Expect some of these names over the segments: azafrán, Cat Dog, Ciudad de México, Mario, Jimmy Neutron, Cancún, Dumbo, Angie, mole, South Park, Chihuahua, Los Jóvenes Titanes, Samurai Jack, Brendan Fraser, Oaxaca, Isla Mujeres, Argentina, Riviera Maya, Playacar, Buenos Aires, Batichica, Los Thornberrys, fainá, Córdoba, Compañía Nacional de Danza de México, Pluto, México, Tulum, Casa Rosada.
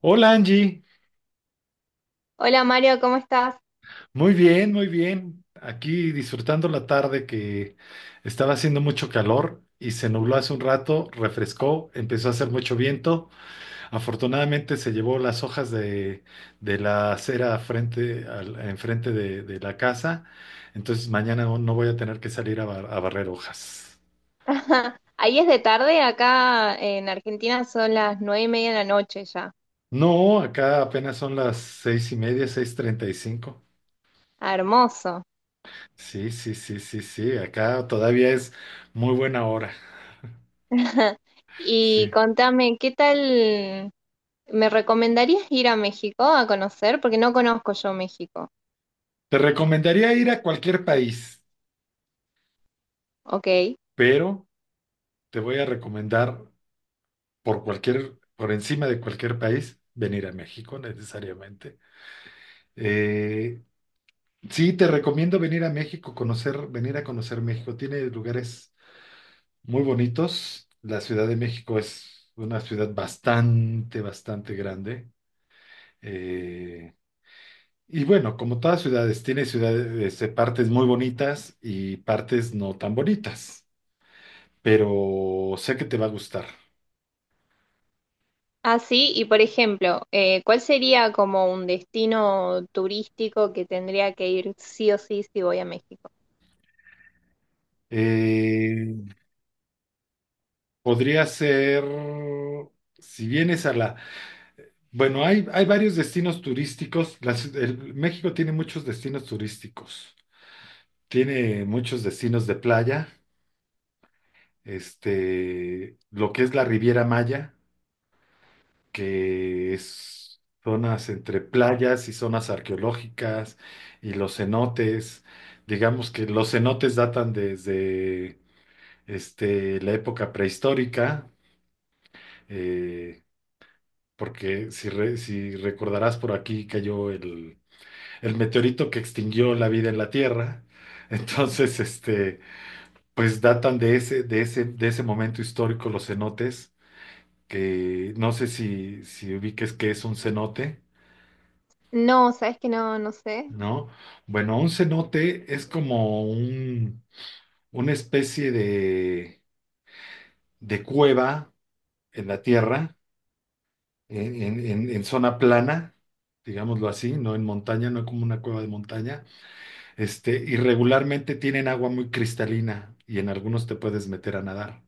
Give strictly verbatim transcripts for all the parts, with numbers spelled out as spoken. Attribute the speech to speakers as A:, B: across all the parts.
A: Hola Angie,
B: Hola Mario, ¿cómo estás?
A: muy bien, muy bien. Aquí disfrutando la tarde, que estaba haciendo mucho calor y se nubló hace un rato, refrescó, empezó a hacer mucho viento. Afortunadamente se llevó las hojas de, de la acera frente al- enfrente de, de la casa, entonces mañana no no voy a tener que salir a, bar- a barrer hojas.
B: Ahí es de tarde, acá en Argentina son las nueve y media de la noche ya.
A: No, acá apenas son las seis y media, seis treinta y cinco.
B: Ah, hermoso.
A: Sí, sí, sí, sí, sí, acá todavía es muy buena hora.
B: Y
A: Sí.
B: contame, ¿qué tal? ¿Me recomendarías ir a México a conocer? Porque no conozco yo México.
A: Te recomendaría ir a cualquier país,
B: Ok.
A: pero te voy a recomendar, por cualquier, por encima de cualquier país, venir a México necesariamente. Eh, sí, te recomiendo venir a México, conocer, venir a conocer México. Tiene lugares muy bonitos. La Ciudad de México es una ciudad bastante, bastante grande. Eh, y bueno, como todas ciudades, tiene ciudades, eh, partes muy bonitas y partes no tan bonitas, pero sé que te va a gustar.
B: Ah, sí, y por ejemplo, eh, ¿cuál sería como un destino turístico que tendría que ir sí o sí si voy a México?
A: Eh, Podría ser, si vienes a la. Bueno, hay, hay varios destinos turísticos. Las- el- México tiene muchos destinos turísticos. Tiene muchos destinos de playa. Este, lo que es la Riviera Maya, que es zonas entre playas y zonas arqueológicas y los cenotes. Digamos que los cenotes datan desde, este, la época prehistórica. eh, Porque si, re- si recordarás, por aquí cayó el, el meteorito que extinguió la vida en la Tierra. Entonces, este, pues datan de ese, de ese, de ese momento histórico, los cenotes, que no sé si, si ubiques qué es un cenote,
B: No, sabes que no, no sé.
A: ¿no? Bueno, un cenote es como un, una especie de, de cueva en la Tierra, en en- en- en zona plana, digámoslo así, no en montaña, no como una cueva de montaña. Este, y regularmente tienen agua muy cristalina, y en algunos te puedes meter a nadar.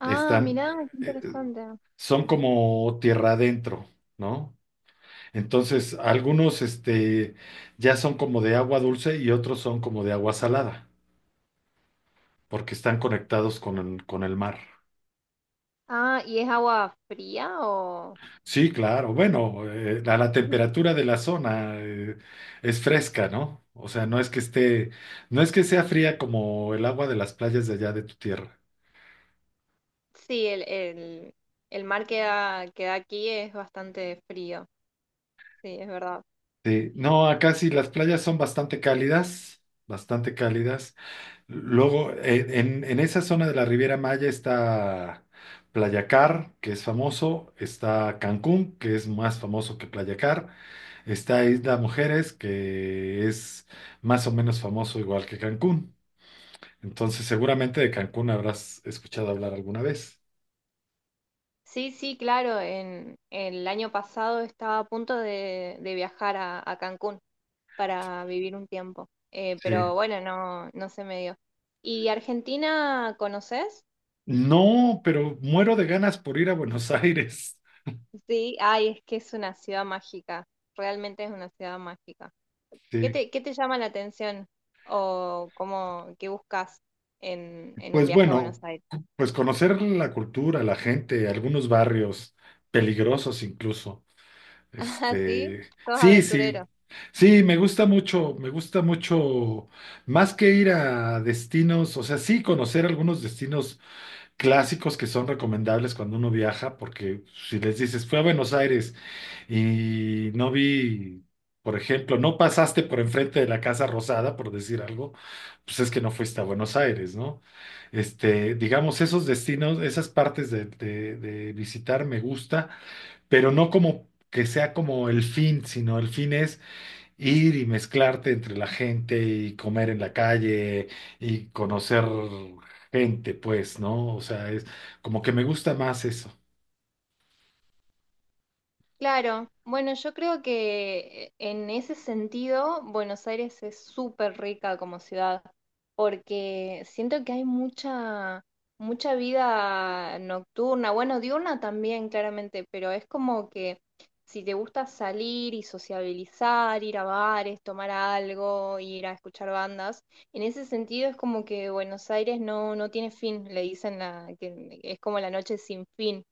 B: Ah,
A: Están,
B: mirá, qué
A: eh, eh,
B: interesante.
A: Son como tierra adentro, ¿no? Entonces, algunos, este, ya son como de agua dulce y otros son como de agua salada, porque están conectados con el, con el mar.
B: Ah, ¿y es agua fría o...?
A: Sí, claro. Bueno, eh, a la temperatura de la zona, eh, es fresca, ¿no? O sea, no es que esté, no es que sea fría como el agua de las playas de allá de tu tierra.
B: Sí, el, el, el mar que da, que da aquí es bastante frío, sí, es verdad.
A: Sí, no, acá sí las playas son bastante cálidas, bastante cálidas. Luego, eh, en, en, esa zona de la Riviera Maya está Playacar, que es famoso, está Cancún, que es más famoso que Playacar, está Isla Mujeres, que es más o menos famoso igual que Cancún. Entonces, seguramente de Cancún habrás escuchado hablar alguna vez.
B: Sí, sí, claro, en, el año pasado estaba a punto de, de viajar a, a Cancún para vivir un tiempo, eh,
A: Sí.
B: pero bueno, no, no se me dio. ¿Y Argentina conoces?
A: No, pero muero de ganas por ir a Buenos Aires.
B: Sí, ay, es que es una ciudad mágica, realmente es una ciudad mágica. ¿Qué
A: Sí.
B: te, qué te llama la atención o cómo, qué buscas en, en un
A: Pues
B: viaje a Buenos
A: bueno,
B: Aires?
A: cu- pues conocer la cultura, la gente, algunos barrios peligrosos incluso.
B: Ah, sí,
A: Este,
B: sos
A: sí, sí.
B: aventurero.
A: Sí, me gusta mucho, me gusta mucho más que ir a destinos. O sea, sí, conocer algunos destinos clásicos que son recomendables cuando uno viaja, porque si les dices, fue a Buenos Aires y no vi, por ejemplo, no pasaste por enfrente de la Casa Rosada, por decir algo, pues es que no fuiste a Buenos Aires, ¿no? Este, digamos, esos destinos, esas partes de, de- de visitar me gusta, pero no como que sea como el fin, sino el fin es ir y mezclarte entre la gente y comer en la calle y conocer gente, pues, ¿no? O sea, es como que me gusta más eso.
B: Claro, bueno, yo creo que en ese sentido Buenos Aires es súper rica como ciudad, porque siento que hay mucha, mucha vida nocturna, bueno, diurna también, claramente, pero es como que si te gusta salir y sociabilizar, ir a bares, tomar algo, ir a escuchar bandas, en ese sentido es como que Buenos Aires no, no tiene fin, le dicen la, que es como la noche sin fin.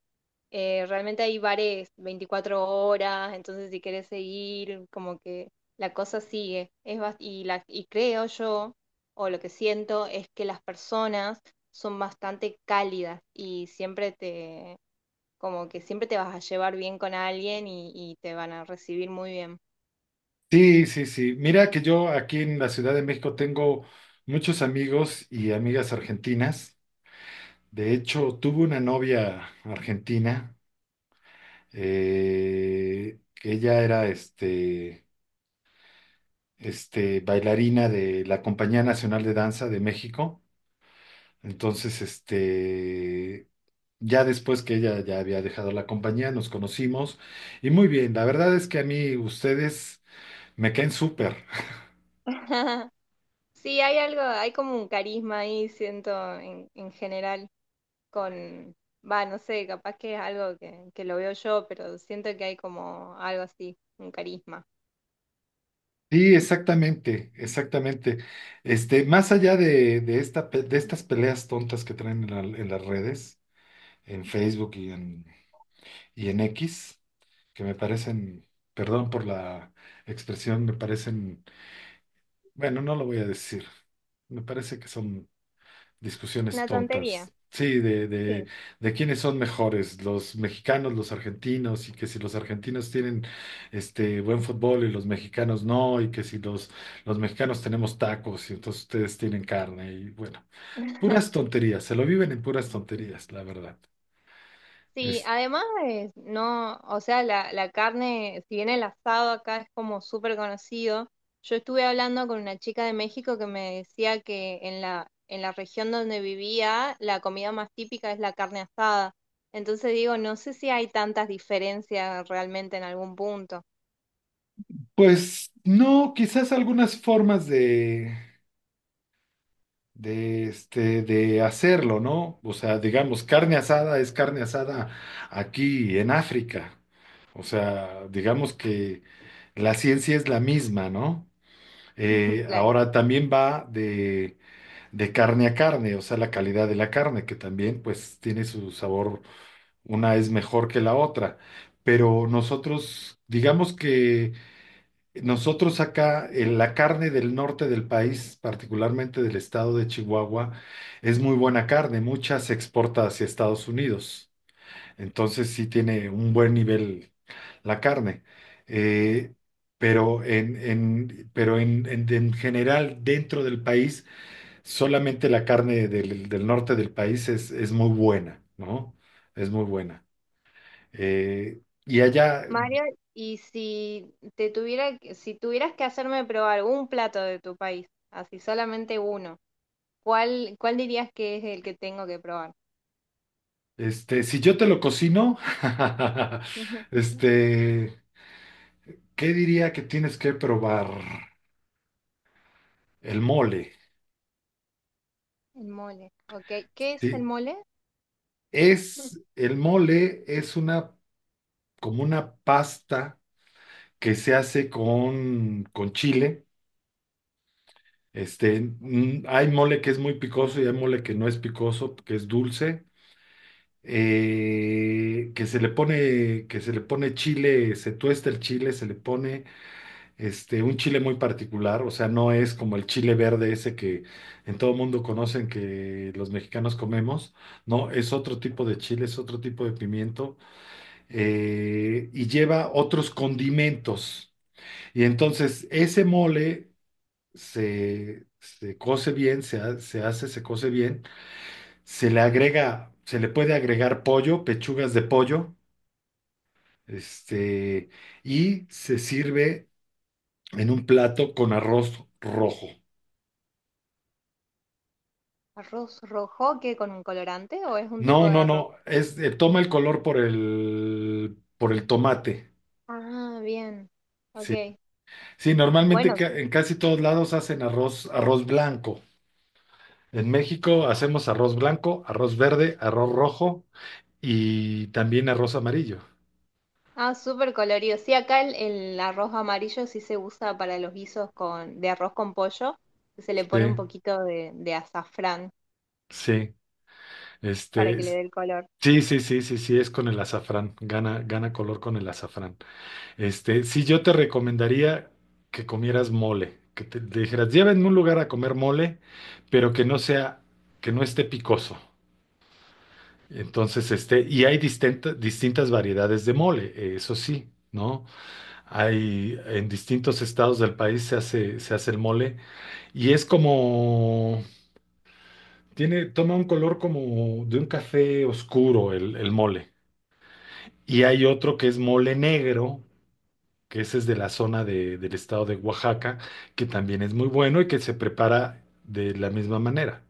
B: Eh, realmente hay bares veinticuatro horas, entonces si querés seguir, como que la cosa sigue. Es bas- y, la, y creo yo, o lo que siento, es que las personas son bastante cálidas y siempre te, como que siempre te vas a llevar bien con alguien y, y te van a recibir muy bien.
A: Sí, sí, sí. Mira que yo, aquí en la Ciudad de México, tengo muchos amigos y amigas argentinas. De hecho, tuve una novia argentina, eh, que ella era, este, este, bailarina de la Compañía Nacional de Danza de México. Entonces, este, ya después que ella ya había dejado la compañía, nos conocimos y muy bien. La verdad es que a mí ustedes me caen súper.
B: Sí, hay algo, hay como un carisma ahí, siento, en, en general. Con, va, no sé, capaz que es algo que, que lo veo yo, pero siento que hay como algo así, un carisma.
A: Sí, exactamente, exactamente. Este, más allá de, de esta, pe- de estas peleas tontas que traen en, la- en las redes, en Facebook y en, y en X, que me parecen, perdón por la expresión, me parecen, bueno, no lo voy a decir, me parece que son discusiones
B: Una
A: tontas.
B: tontería,
A: Sí, de, de,
B: sí.
A: de quiénes son mejores, los mexicanos, los argentinos, y que si los argentinos tienen este buen fútbol y los mexicanos no, y que si los, los, mexicanos tenemos tacos y entonces ustedes tienen carne, y bueno, puras tonterías, se lo viven en puras tonterías, la verdad.
B: Sí,
A: Es-
B: además es, no, o sea, la, la carne, si bien el asado acá es como súper conocido, yo estuve hablando con una chica de México que me decía que en la, en la región donde vivía, la comida más típica es la carne asada. Entonces digo, no sé si hay tantas diferencias realmente en algún punto.
A: pues no, quizás algunas formas de de, este, de hacerlo, ¿no? O sea, digamos, carne asada es carne asada aquí en África. O sea, digamos que la ciencia es la misma, ¿no? Eh,
B: Claro.
A: ahora también va de, de carne a carne, o sea, la calidad de la carne, que también pues tiene su sabor, una es mejor que la otra. Pero nosotros, digamos que nosotros acá, en la carne del norte del país, particularmente del estado de Chihuahua, es muy buena carne, mucha se exporta hacia Estados Unidos. Entonces sí tiene un buen nivel la carne. Eh, pero en, en- pero en, en- en general, dentro del país, solamente la carne del, del norte del país es, es muy buena, ¿no? Es muy buena. Eh, y allá.
B: Mario, y si te tuviera, que- si tuvieras que hacerme probar un plato de tu país, así solamente uno, ¿cuál, cuál dirías que es el que tengo que probar?
A: Este, si yo te lo cocino,
B: Ujú.
A: este, ¿qué diría que tienes que probar? El mole,
B: El mole, ok. ¿Qué es el
A: ¿sí?
B: mole? Mm.
A: Es, el mole es una, como una pasta que se hace con, con chile. Este, mm, hay mole que es muy picoso y hay mole que no es picoso, que es dulce. Eh, que se le pone, que se le pone chile, se tuesta el chile, se le pone, este, un chile muy particular. O sea, no es como el chile verde ese que en todo mundo conocen que los mexicanos comemos. No, es otro tipo de chile, es otro tipo de pimiento, eh, y lleva otros condimentos. Y entonces ese mole se, se coce bien, se, ha- se hace, se coce bien, se le agrega, se le puede agregar pollo, pechugas de pollo, este, y se sirve en un plato con arroz rojo.
B: ¿Arroz rojo que con un colorante o es un
A: No,
B: tipo de
A: no,
B: arroz?
A: no. Es, eh, toma el color por el, por el tomate.
B: Ah, bien.
A: Sí,
B: Ok.
A: sí, normalmente,
B: Bueno,
A: ca-
B: su-
A: en casi todos lados hacen arroz, arroz, blanco. En México hacemos arroz blanco, arroz verde, arroz rojo y también arroz amarillo.
B: ah, súper colorido. Sí, acá el, el arroz amarillo sí se usa para los guisos con, de arroz con pollo, que se le pone un
A: Sí,
B: poquito de, de azafrán
A: sí.
B: para
A: Este,
B: que le
A: es-
B: dé el color.
A: sí, sí, sí, sí, sí, es con el azafrán. Gana, gana color con el azafrán. Este, sí, yo te recomendaría que comieras mole, que te te dijeras, llévenme a un lugar a comer mole, pero que no sea, que no esté picoso. Entonces, este, y hay distinta- distintas variedades de mole, eh, eso sí, ¿no? Hay, en distintos estados del país se hace, se hace, el mole, y es como, tiene, toma un color como de un café oscuro, el, el mole. Y hay otro que es mole negro, que ese es de la zona de- del estado de Oaxaca, que también es muy bueno y que se prepara de la misma manera.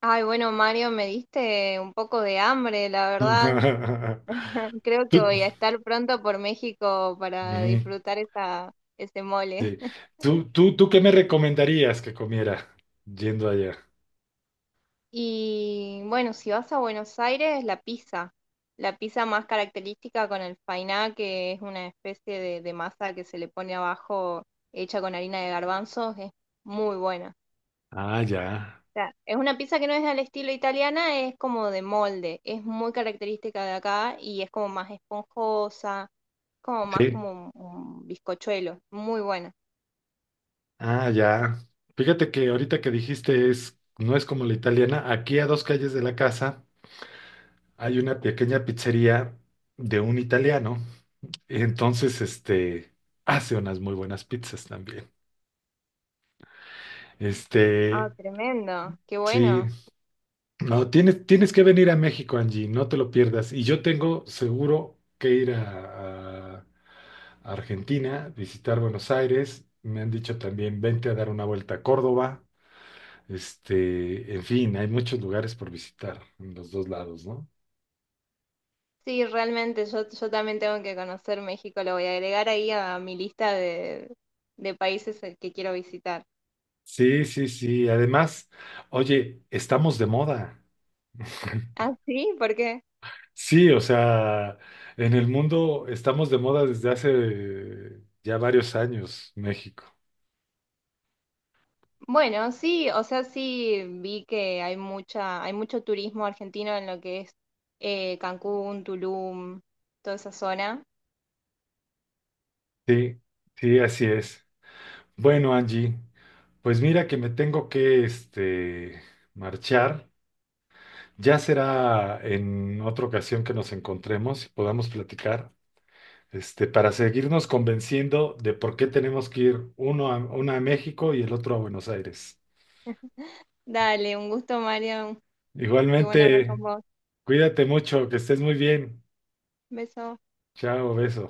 B: Ay, bueno, Mario, me diste un poco de hambre, la verdad. Creo
A: Tú,
B: que voy a estar pronto por México para
A: ujú,
B: disfrutar esa, ese mole.
A: sí. ¿Tú, tú, tú qué me recomendarías que comiera yendo allá?
B: Y bueno, si vas a Buenos Aires, la pizza. La pizza más característica con el fainá, que es una especie de, de masa que se le pone abajo hecha con harina de garbanzos, es muy buena.
A: Ah, ya.
B: Sea, es una pizza que no es al estilo italiana, es como de molde, es muy característica de acá y es como más esponjosa, como más
A: Sí.
B: como un, un bizcochuelo, muy buena.
A: Ah, ya. Fíjate que ahorita que dijiste, es, no es como la italiana. Aquí, a dos calles de la casa, hay una pequeña pizzería de un italiano. Entonces, este, hace unas muy buenas pizzas también.
B: Ah,
A: Este,
B: tremendo, qué
A: Sí,
B: bueno.
A: no, tienes, tienes que venir a México, Angie, no te lo pierdas. Y yo tengo seguro que ir a, a a Argentina, visitar Buenos Aires. Me han dicho también, vente a dar una vuelta a Córdoba. Este, en fin, hay muchos lugares por visitar en los dos lados, ¿no?
B: Sí, realmente yo, yo también tengo que conocer México, lo voy a agregar ahí a mi lista de, de países que quiero visitar.
A: Sí, sí, sí. Además, oye, estamos de moda.
B: Ah, sí, ¿por qué?
A: Sí, o sea, en el mundo estamos de moda desde hace ya varios años, México.
B: Bueno, sí, o sea, sí vi que hay mucha, hay mucho turismo argentino en lo que es eh, Cancún, Tulum, toda esa zona.
A: Sí, sí, así es. Bueno, Angie, pues mira que me tengo que, este, marchar. Ya será en otra ocasión que nos encontremos y podamos platicar, este, para seguirnos convenciendo de por qué tenemos que ir uno a, uno a México y el otro a Buenos Aires.
B: Dale, un gusto, Mario. Qué bueno hablar con
A: Igualmente,
B: vos.
A: cuídate mucho, que estés muy bien.
B: Beso.
A: Chao, beso.